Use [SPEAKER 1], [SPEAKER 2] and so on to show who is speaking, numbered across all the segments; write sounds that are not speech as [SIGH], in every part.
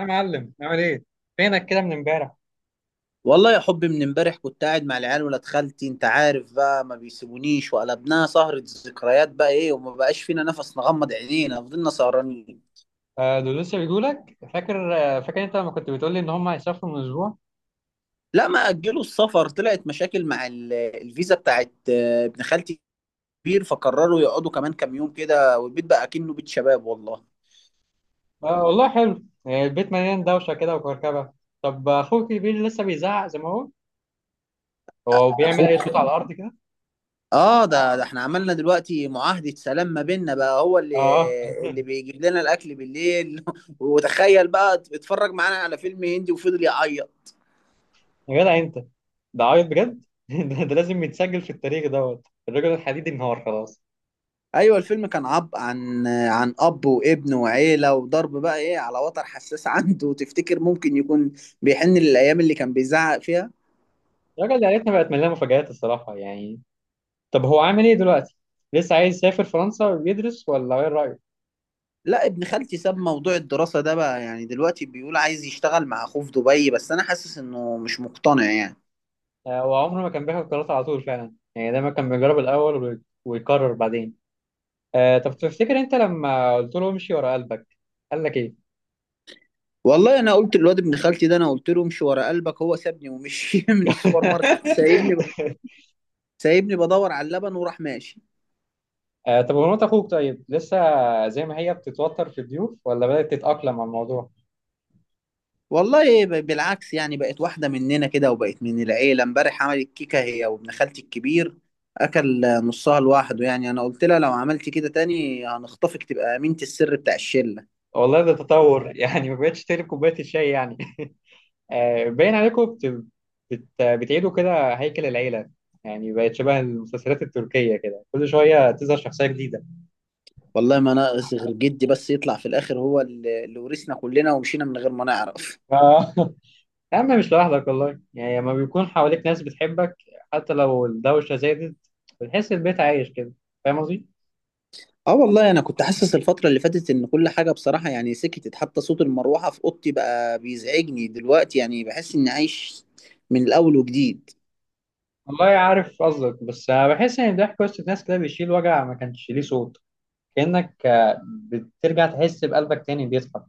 [SPEAKER 1] يا معلم، عامل ايه؟ فينك كده من امبارح؟
[SPEAKER 2] والله يا حبي، من امبارح كنت قاعد مع العيال ولاد خالتي. انت عارف بقى، ما بيسيبونيش، وقلبناها سهرة ذكريات، بقى ايه. وما بقاش فينا نفس نغمض عينينا، فضلنا سهرانين.
[SPEAKER 1] آه، دول لسه بيجوا لك؟ فاكر انت لما كنت بتقول لي ان هم هيسافروا من اسبوع؟
[SPEAKER 2] لا، ما اجلوا السفر، طلعت مشاكل مع الفيزا بتاعت ابن خالتي كبير فقرروا يقعدوا كمان كام يوم كده، والبيت بقى كأنه بيت شباب والله.
[SPEAKER 1] آه والله، حلو. البيت مليان دوشه كده وكركبه. طب اخوك الكبير لسه بيزعق زي ما هو؟ هو بيعمل اي
[SPEAKER 2] اخوك،
[SPEAKER 1] صوت على الارض كده؟
[SPEAKER 2] اه، ده احنا عملنا دلوقتي معاهدة سلام ما بيننا، بقى هو
[SPEAKER 1] اه،
[SPEAKER 2] اللي بيجيب لنا الاكل بالليل [LAUGHS] وتخيل بقى اتفرج معانا على فيلم هندي وفضل يعيط.
[SPEAKER 1] يا جدع انت، ده عيط بجد؟ [LAUGHS] ده لازم يتسجل في التاريخ. دوت الراجل الحديدي، انهار خلاص.
[SPEAKER 2] ايوه الفيلم كان عب عن عن اب وابن وعيله، وضرب بقى ايه على وتر حساس [LAUGHS] عنده. وتفتكر ممكن يكون بيحن للايام اللي كان بيزعق فيها.
[SPEAKER 1] عيلتنا بقت مليانه مفاجآت الصراحه يعني. طب هو عامل ايه دلوقتي؟ لسه عايز يسافر فرنسا ويدرس، ولا ايه رأيك؟
[SPEAKER 2] لا، ابن خالتي ساب موضوع الدراسه ده بقى، يعني دلوقتي بيقول عايز يشتغل مع اخوه في دبي، بس انا حاسس انه مش مقتنع يعني.
[SPEAKER 1] آه، وعمره ما كان بياخد قرارات على طول فعلا، يعني دايما كان بيجرب الأول ويقرر بعدين. آه، طب تفتكر أنت لما قلت له امشي ورا قلبك، قال لك إيه؟
[SPEAKER 2] والله انا قلت للواد ابن خالتي ده، انا قلت له امشي ورا قلبك، هو سابني ومشي [LAUGHS] من السوبر ماركت، سايبني.
[SPEAKER 1] [LAUGHS]
[SPEAKER 2] سايبني بدور على اللبن وراح ماشي.
[SPEAKER 1] آه، طب ومرات أخوك، طيب لسه زي ما هي بتتوتر في الضيوف، ولا بدأت تتأقلم على الموضوع؟
[SPEAKER 2] والله بالعكس، يعني بقت واحدة مننا كده وبقت من العيلة. امبارح عملت كيكة هي وابن خالتي الكبير، أكل نصها لوحده. يعني أنا قلت لها لو عملتي كده تاني هنخطفك، تبقى أمينة السر بتاع الشلة.
[SPEAKER 1] والله ده تطور. [LAUGHS] يعني ما بقتش تقلب كوباية الشاي يعني. آه، باين عليكم بتعيدوا كده هيكل العيلة. يعني بقت شبه المسلسلات التركية، كده كل شوية تظهر شخصية جديدة.
[SPEAKER 2] والله ما ناقص غير جدي بس يطلع في الآخر هو اللي ورثنا كلنا ومشينا من غير ما نعرف.
[SPEAKER 1] [LAUGHS] آه. يا عم، مش لوحدك والله. يعني لما بيكون حواليك ناس بتحبك، حتى لو الدوشة زادت، بتحس البيت عايش كده. فاهم قصدي؟
[SPEAKER 2] اه والله انا كنت حاسس الفترة اللي فاتت ان كل حاجة بصراحة يعني سكتت، حتى صوت المروحة في اوضتي بقى بيزعجني دلوقتي، يعني بحس اني عايش من الاول وجديد.
[SPEAKER 1] والله عارف قصدك، بس أنا بحس إن ضحك وسط ناس كده بيشيل وجع ما كانش ليه صوت. كأنك، بترجع تحس بقلبك تاني بيضحك.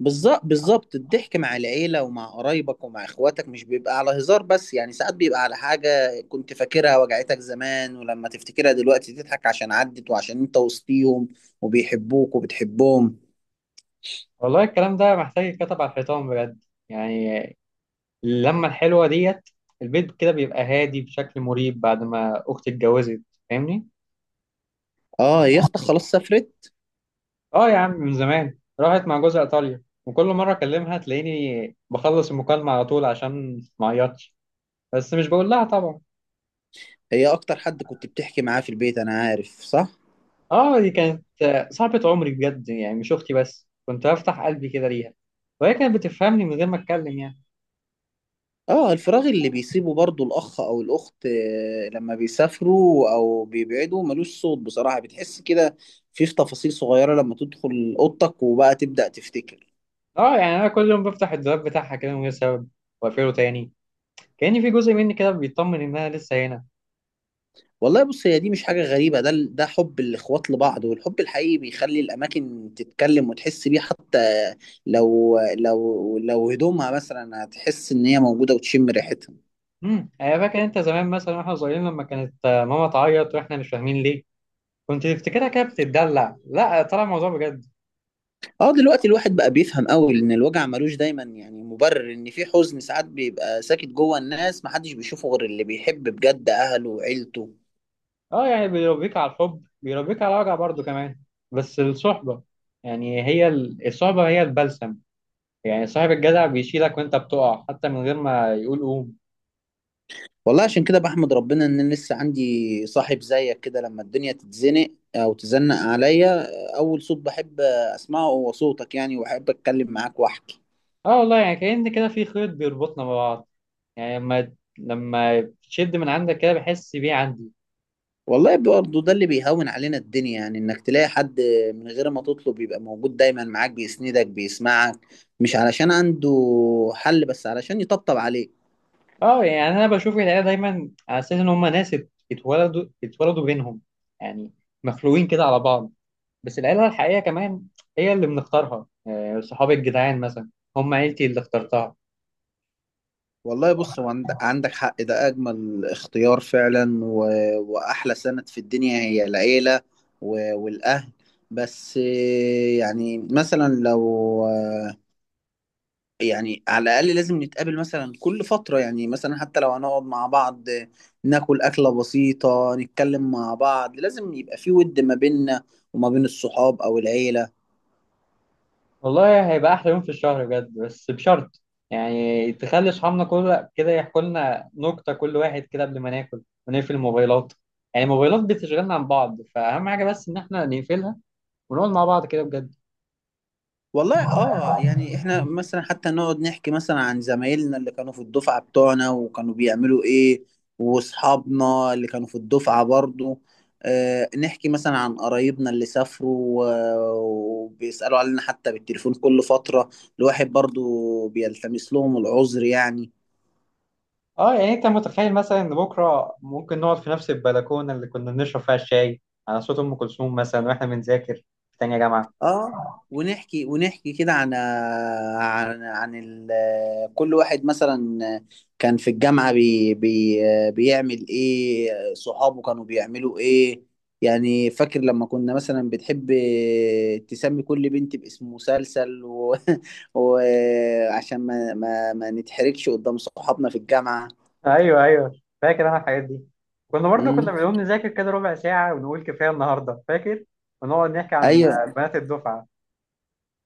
[SPEAKER 2] بالظبط بالظبط، الضحك مع العيلة ومع قرايبك ومع اخواتك مش بيبقى على هزار بس، يعني ساعات بيبقى على حاجة كنت فاكرها وجعتك زمان، ولما تفتكرها دلوقتي تضحك عشان عدت، وعشان انت وسطيهم وبيحبوك وبتحبهم.
[SPEAKER 1] والله الكلام ده محتاج يتكتب على الحيطان بجد يعني. اللمة الحلوة ديت، البيت كده بيبقى هادي بشكل مريب بعد ما أختي اتجوزت. فاهمني؟
[SPEAKER 2] اه هي اختك خلاص سافرت.
[SPEAKER 1] اه يا عم، من زمان راحت مع جوزها ايطاليا، وكل مره اكلمها تلاقيني بخلص المكالمه على طول عشان ما اعيطش. بس مش بقول لها طبعا.
[SPEAKER 2] هي اكتر حد كنت بتحكي معاه في البيت، انا عارف، صح.
[SPEAKER 1] اه، دي كانت صاحبه عمري بجد، يعني مش اختي بس، كنت بفتح قلبي كده ليها، وهي كانت بتفهمني من غير ما اتكلم يعني.
[SPEAKER 2] اه الفراغ اللي بيسيبه برضو الاخ او الاخت لما بيسافروا او بيبعدوا ملوش صوت بصراحة، بتحس كده في تفاصيل صغيرة لما تدخل اوضتك، وبقى تبدأ تفتكر.
[SPEAKER 1] اه يعني انا كل يوم بفتح الدولاب بتاعها كده من غير سبب، واقفله تاني، كاني في جزء مني كده بيطمن انها لسه هنا.
[SPEAKER 2] والله بص، هي دي مش حاجة غريبة، ده حب الإخوات لبعض، والحب الحقيقي بيخلي الأماكن تتكلم وتحس بيه، حتى لو هدومها مثلا، هتحس إن هي موجودة وتشم ريحتها.
[SPEAKER 1] انا فاكر انت زمان مثلا، واحنا صغيرين، لما كانت، ماما تعيط واحنا مش فاهمين ليه، كنت تفتكرها كده بتتدلع. لا، طلع الموضوع بجد.
[SPEAKER 2] اه دلوقتي الواحد بقى بيفهم قوي إن الوجع ملوش دايما يعني مبرر، إن في حزن ساعات بيبقى ساكت جوه الناس، محدش بيشوفه غير اللي بيحب بجد أهله وعيلته.
[SPEAKER 1] اه يعني بيربيك على الحب، بيربيك على وجع برضه كمان. بس الصحبة، يعني هي الصحبة هي البلسم. يعني صاحب الجدع بيشيلك وانت بتقع، حتى من غير ما يقول قوم.
[SPEAKER 2] والله عشان كده بحمد ربنا ان أنا لسه عندي صاحب زيك كده، لما الدنيا تتزنق او تزنق عليا، اول صوت بحب اسمعه هو صوتك، يعني واحب اتكلم معاك واحكي.
[SPEAKER 1] اه والله، يعني كأن كده في خيط بيربطنا ببعض. يعني لما تشد من عندك كده، بحس بيه عندي.
[SPEAKER 2] والله برضه ده اللي بيهون علينا الدنيا، يعني انك تلاقي حد من غير ما تطلب يبقى موجود دايما معاك، بيسندك بيسمعك، مش علشان عنده حل، بس علشان يطبطب عليك.
[SPEAKER 1] اه يعني انا بشوف العيلة دايما على اساس ان هم ناس اتولدوا بينهم، يعني مخلوقين كده على بعض. بس العيلة الحقيقية كمان، هي اللي بنختارها، يعني صحاب الجدعان مثلا، هم عيلتي اللي اخترتها.
[SPEAKER 2] والله بص، هو عندك حق، ده أجمل اختيار فعلا. وأحلى سند في الدنيا هي العيلة والأهل. بس يعني مثلا لو يعني على الأقل لازم نتقابل مثلا كل فترة، يعني مثلا حتى لو هنقعد مع بعض ناكل أكلة بسيطة، نتكلم مع بعض، لازم يبقى في ود ما بيننا وما بين الصحاب أو العيلة.
[SPEAKER 1] والله هيبقى احلى يوم في الشهر بجد، بس بشرط، يعني تخلي اصحابنا كل كده يحكوا لنا نكته، كل واحد كده قبل ما ناكل، ونقفل الموبايلات. يعني الموبايلات بتشغلنا عن بعض، فاهم حاجه؟ بس ان احنا نقفلها ونقعد مع بعض كده بجد.
[SPEAKER 2] والله اه، يعني احنا مثلا حتى نقعد نحكي مثلا عن زمايلنا اللي كانوا في الدفعة بتوعنا وكانوا بيعملوا ايه، واصحابنا اللي كانوا في الدفعة برضو. آه نحكي مثلا عن قرايبنا اللي سافروا وبيسألوا علينا حتى بالتليفون كل فترة، الواحد برضو بيلتمس لهم العذر يعني.
[SPEAKER 1] اه يعني انت متخيل مثلا ان بكره ممكن نقعد في نفس البلكونه اللي كنا بنشرب فيها الشاي، على صوت ام كلثوم مثلا، واحنا بنذاكر في تانية جامعه.
[SPEAKER 2] اه ونحكي ونحكي كده عن كل واحد مثلا كان في الجامعة، بيعمل ايه، صحابه كانوا بيعملوا ايه. يعني فاكر لما كنا مثلا بتحب تسمي كل بنت باسم مسلسل [LAUGHS] وعشان ما نتحرجش قدام صحابنا في الجامعة.
[SPEAKER 1] ايوه، ايوه، فاكر انا الحاجات دي. كنا برضو كنا
[SPEAKER 2] امم
[SPEAKER 1] بنقوم نذاكر كده ربع ساعه ونقول كفايه النهارده، فاكر؟ ونقعد نحكي عن
[SPEAKER 2] ايوه،
[SPEAKER 1] بنات الدفعه.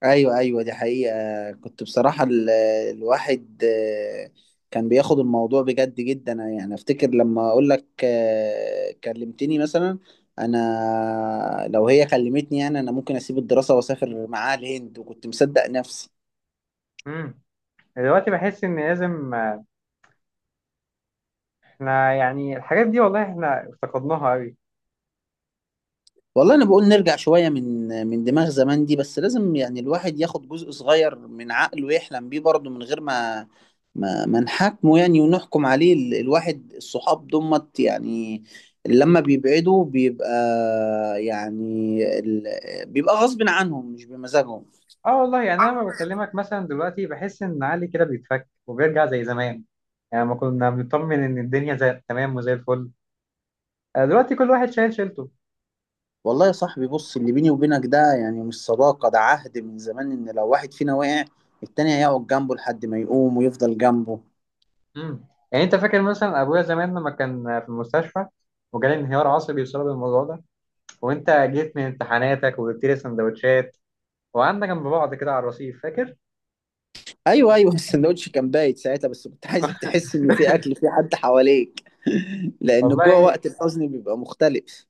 [SPEAKER 2] ايوه، ايوه، دي حقيقة. كنت بصراحة الواحد كان بياخد الموضوع بجد جدا. يعني افتكر لما اقول لك كلمتني مثلا، انا لو هي كلمتني، يعني انا ممكن اسيب الدراسة واسافر معاها الهند، وكنت مصدق نفسي.
[SPEAKER 1] امم دلوقتي بحس ان لازم، احنا يعني الحاجات دي والله، احنا افتقدناها قوي.
[SPEAKER 2] والله انا بقول نرجع شويه من دماغ زمان دي، بس لازم يعني الواحد ياخد جزء صغير من عقله يحلم بيه برضه من غير ما ما نحاكمه يعني ونحكم عليه. الواحد الصحاب دمت يعني لما بيبعدوا بيبقى، يعني بيبقى غصب عنهم مش بمزاجهم.
[SPEAKER 1] اه والله، يعني انا لما بكلمك مثلا دلوقتي، بحس ان علي كده بيتفك وبيرجع زي زمان. يعني ما كنا بنطمن ان الدنيا زي تمام وزي الفل. آه، دلوقتي كل واحد شايل شيلته.
[SPEAKER 2] والله يا صاحبي بص، اللي بيني وبينك ده يعني مش صداقة، ده عهد من زمان إن لو واحد فينا وقع التاني هيقعد جنبه لحد ما يقوم ويفضل جنبه.
[SPEAKER 1] يعني انت فاكر مثلا ابويا زمان لما كان في المستشفى، وجالي انهيار عصبي بسبب الموضوع ده، وانت جيت من امتحاناتك وجبت لي سندوتشات، وقعدنا جنب بعض كده على الرصيف، فاكر؟
[SPEAKER 2] ايوه ايوه، السندوتش كان بايت ساعتها، بس كنت عايزك تحس ان في اكل، في حد حواليك [LAUGHS] لان جوه
[SPEAKER 1] والله
[SPEAKER 2] وقت الحزن بيبقى مختلف.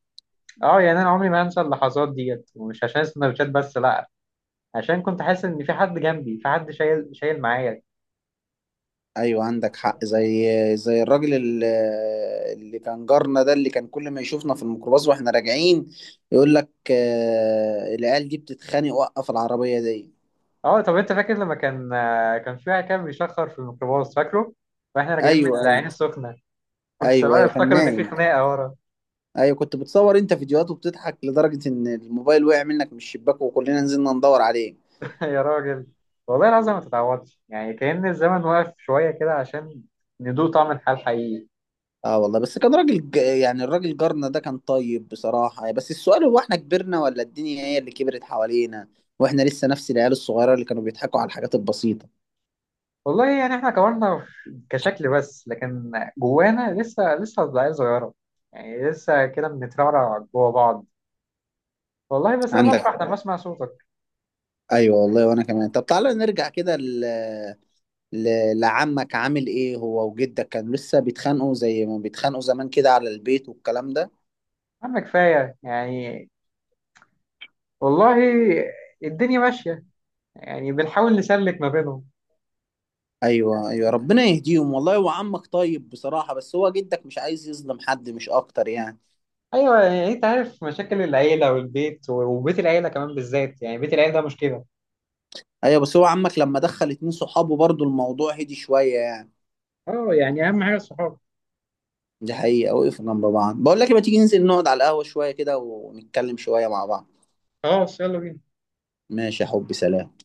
[SPEAKER 1] اه، يعني انا عمري ما هنسى اللحظات ديت، ومش عشان السندوتشات بس، لا، عشان كنت حاسس ان في حد جنبي، في حد شايل شايل معايا.
[SPEAKER 2] ايوه عندك حق، زي الراجل اللي كان جارنا ده، اللي كان كل ما يشوفنا في الميكروباص واحنا راجعين يقول لك العيال دي بتتخانق، وقف العربيه دي.
[SPEAKER 1] اه طب انت فاكر لما كان في واحد كان بيشخر في الميكروباص، فاكره؟ واحنا راجعين من
[SPEAKER 2] ايوه
[SPEAKER 1] العين
[SPEAKER 2] ايوه،
[SPEAKER 1] السخنه. [LAUGHS]
[SPEAKER 2] ايوه
[SPEAKER 1] والسواق
[SPEAKER 2] ايوه، كان
[SPEAKER 1] افتكر ان في
[SPEAKER 2] نايم.
[SPEAKER 1] خناقه ورا.
[SPEAKER 2] ايوه كنت بتصور انت فيديوهات وبتضحك لدرجه ان الموبايل وقع منك من الشباك، وكلنا نزلنا ندور عليه.
[SPEAKER 1] [LAUGHS] يا راجل، والله العظيم ما تتعوضش. يعني كأن الزمن واقف شويه كده عشان ندوق طعم الحال حقيقي.
[SPEAKER 2] اه والله بس كان راجل، يعني الراجل جارنا ده كان طيب بصراحة. بس السؤال، هو احنا كبرنا ولا الدنيا هي اللي كبرت حوالينا، واحنا لسه نفس العيال الصغيرة اللي كانوا بيضحكوا على الحاجات البسيطة؟
[SPEAKER 1] والله يعني احنا كبرنا كشكل بس، لكن جوانا لسه عيال صغيره، يعني لسه كده بنترعرع جوا بعض. والله بس انا بفرح
[SPEAKER 2] عندك
[SPEAKER 1] لما اسمع صوتك.
[SPEAKER 2] [LAUGHS] ايوه والله، وانا كمان. طب تعالى نرجع كده ل... لعمك، عامل ايه هو وجدك؟ كانوا لسه بيتخانقوا زي ما بيتخانقوا زمان كده على البيت والكلام ده؟
[SPEAKER 1] يا عم كفايه يعني، والله الدنيا ماشية، يعني بنحاول نسلك ما بينهم.
[SPEAKER 2] ايوه ايوه، ربنا يهديهم والله. هو عمك طيب بصراحة، بس هو جدك مش عايز يظلم حد، مش اكتر يعني.
[SPEAKER 1] أيوة، يعني أنت عارف مشاكل العيلة والبيت، وبيت العيلة كمان بالذات، يعني بيت العيلة ده مشكلة.
[SPEAKER 2] ايوه بس هو عمك لما دخل 2 صحابه برضو الموضوع هدي شوية يعني.
[SPEAKER 1] أه، يعني أهم حاجة الصحاب.
[SPEAKER 2] دي حقيقة، وقف جنب بعض. بقول لك إيه، ما تيجي ننزل نقعد على القهوة شوية كده ونتكلم شوية مع بعض؟
[SPEAKER 1] خلاص يلا بينا.
[SPEAKER 2] ماشي يا حبي، سلام.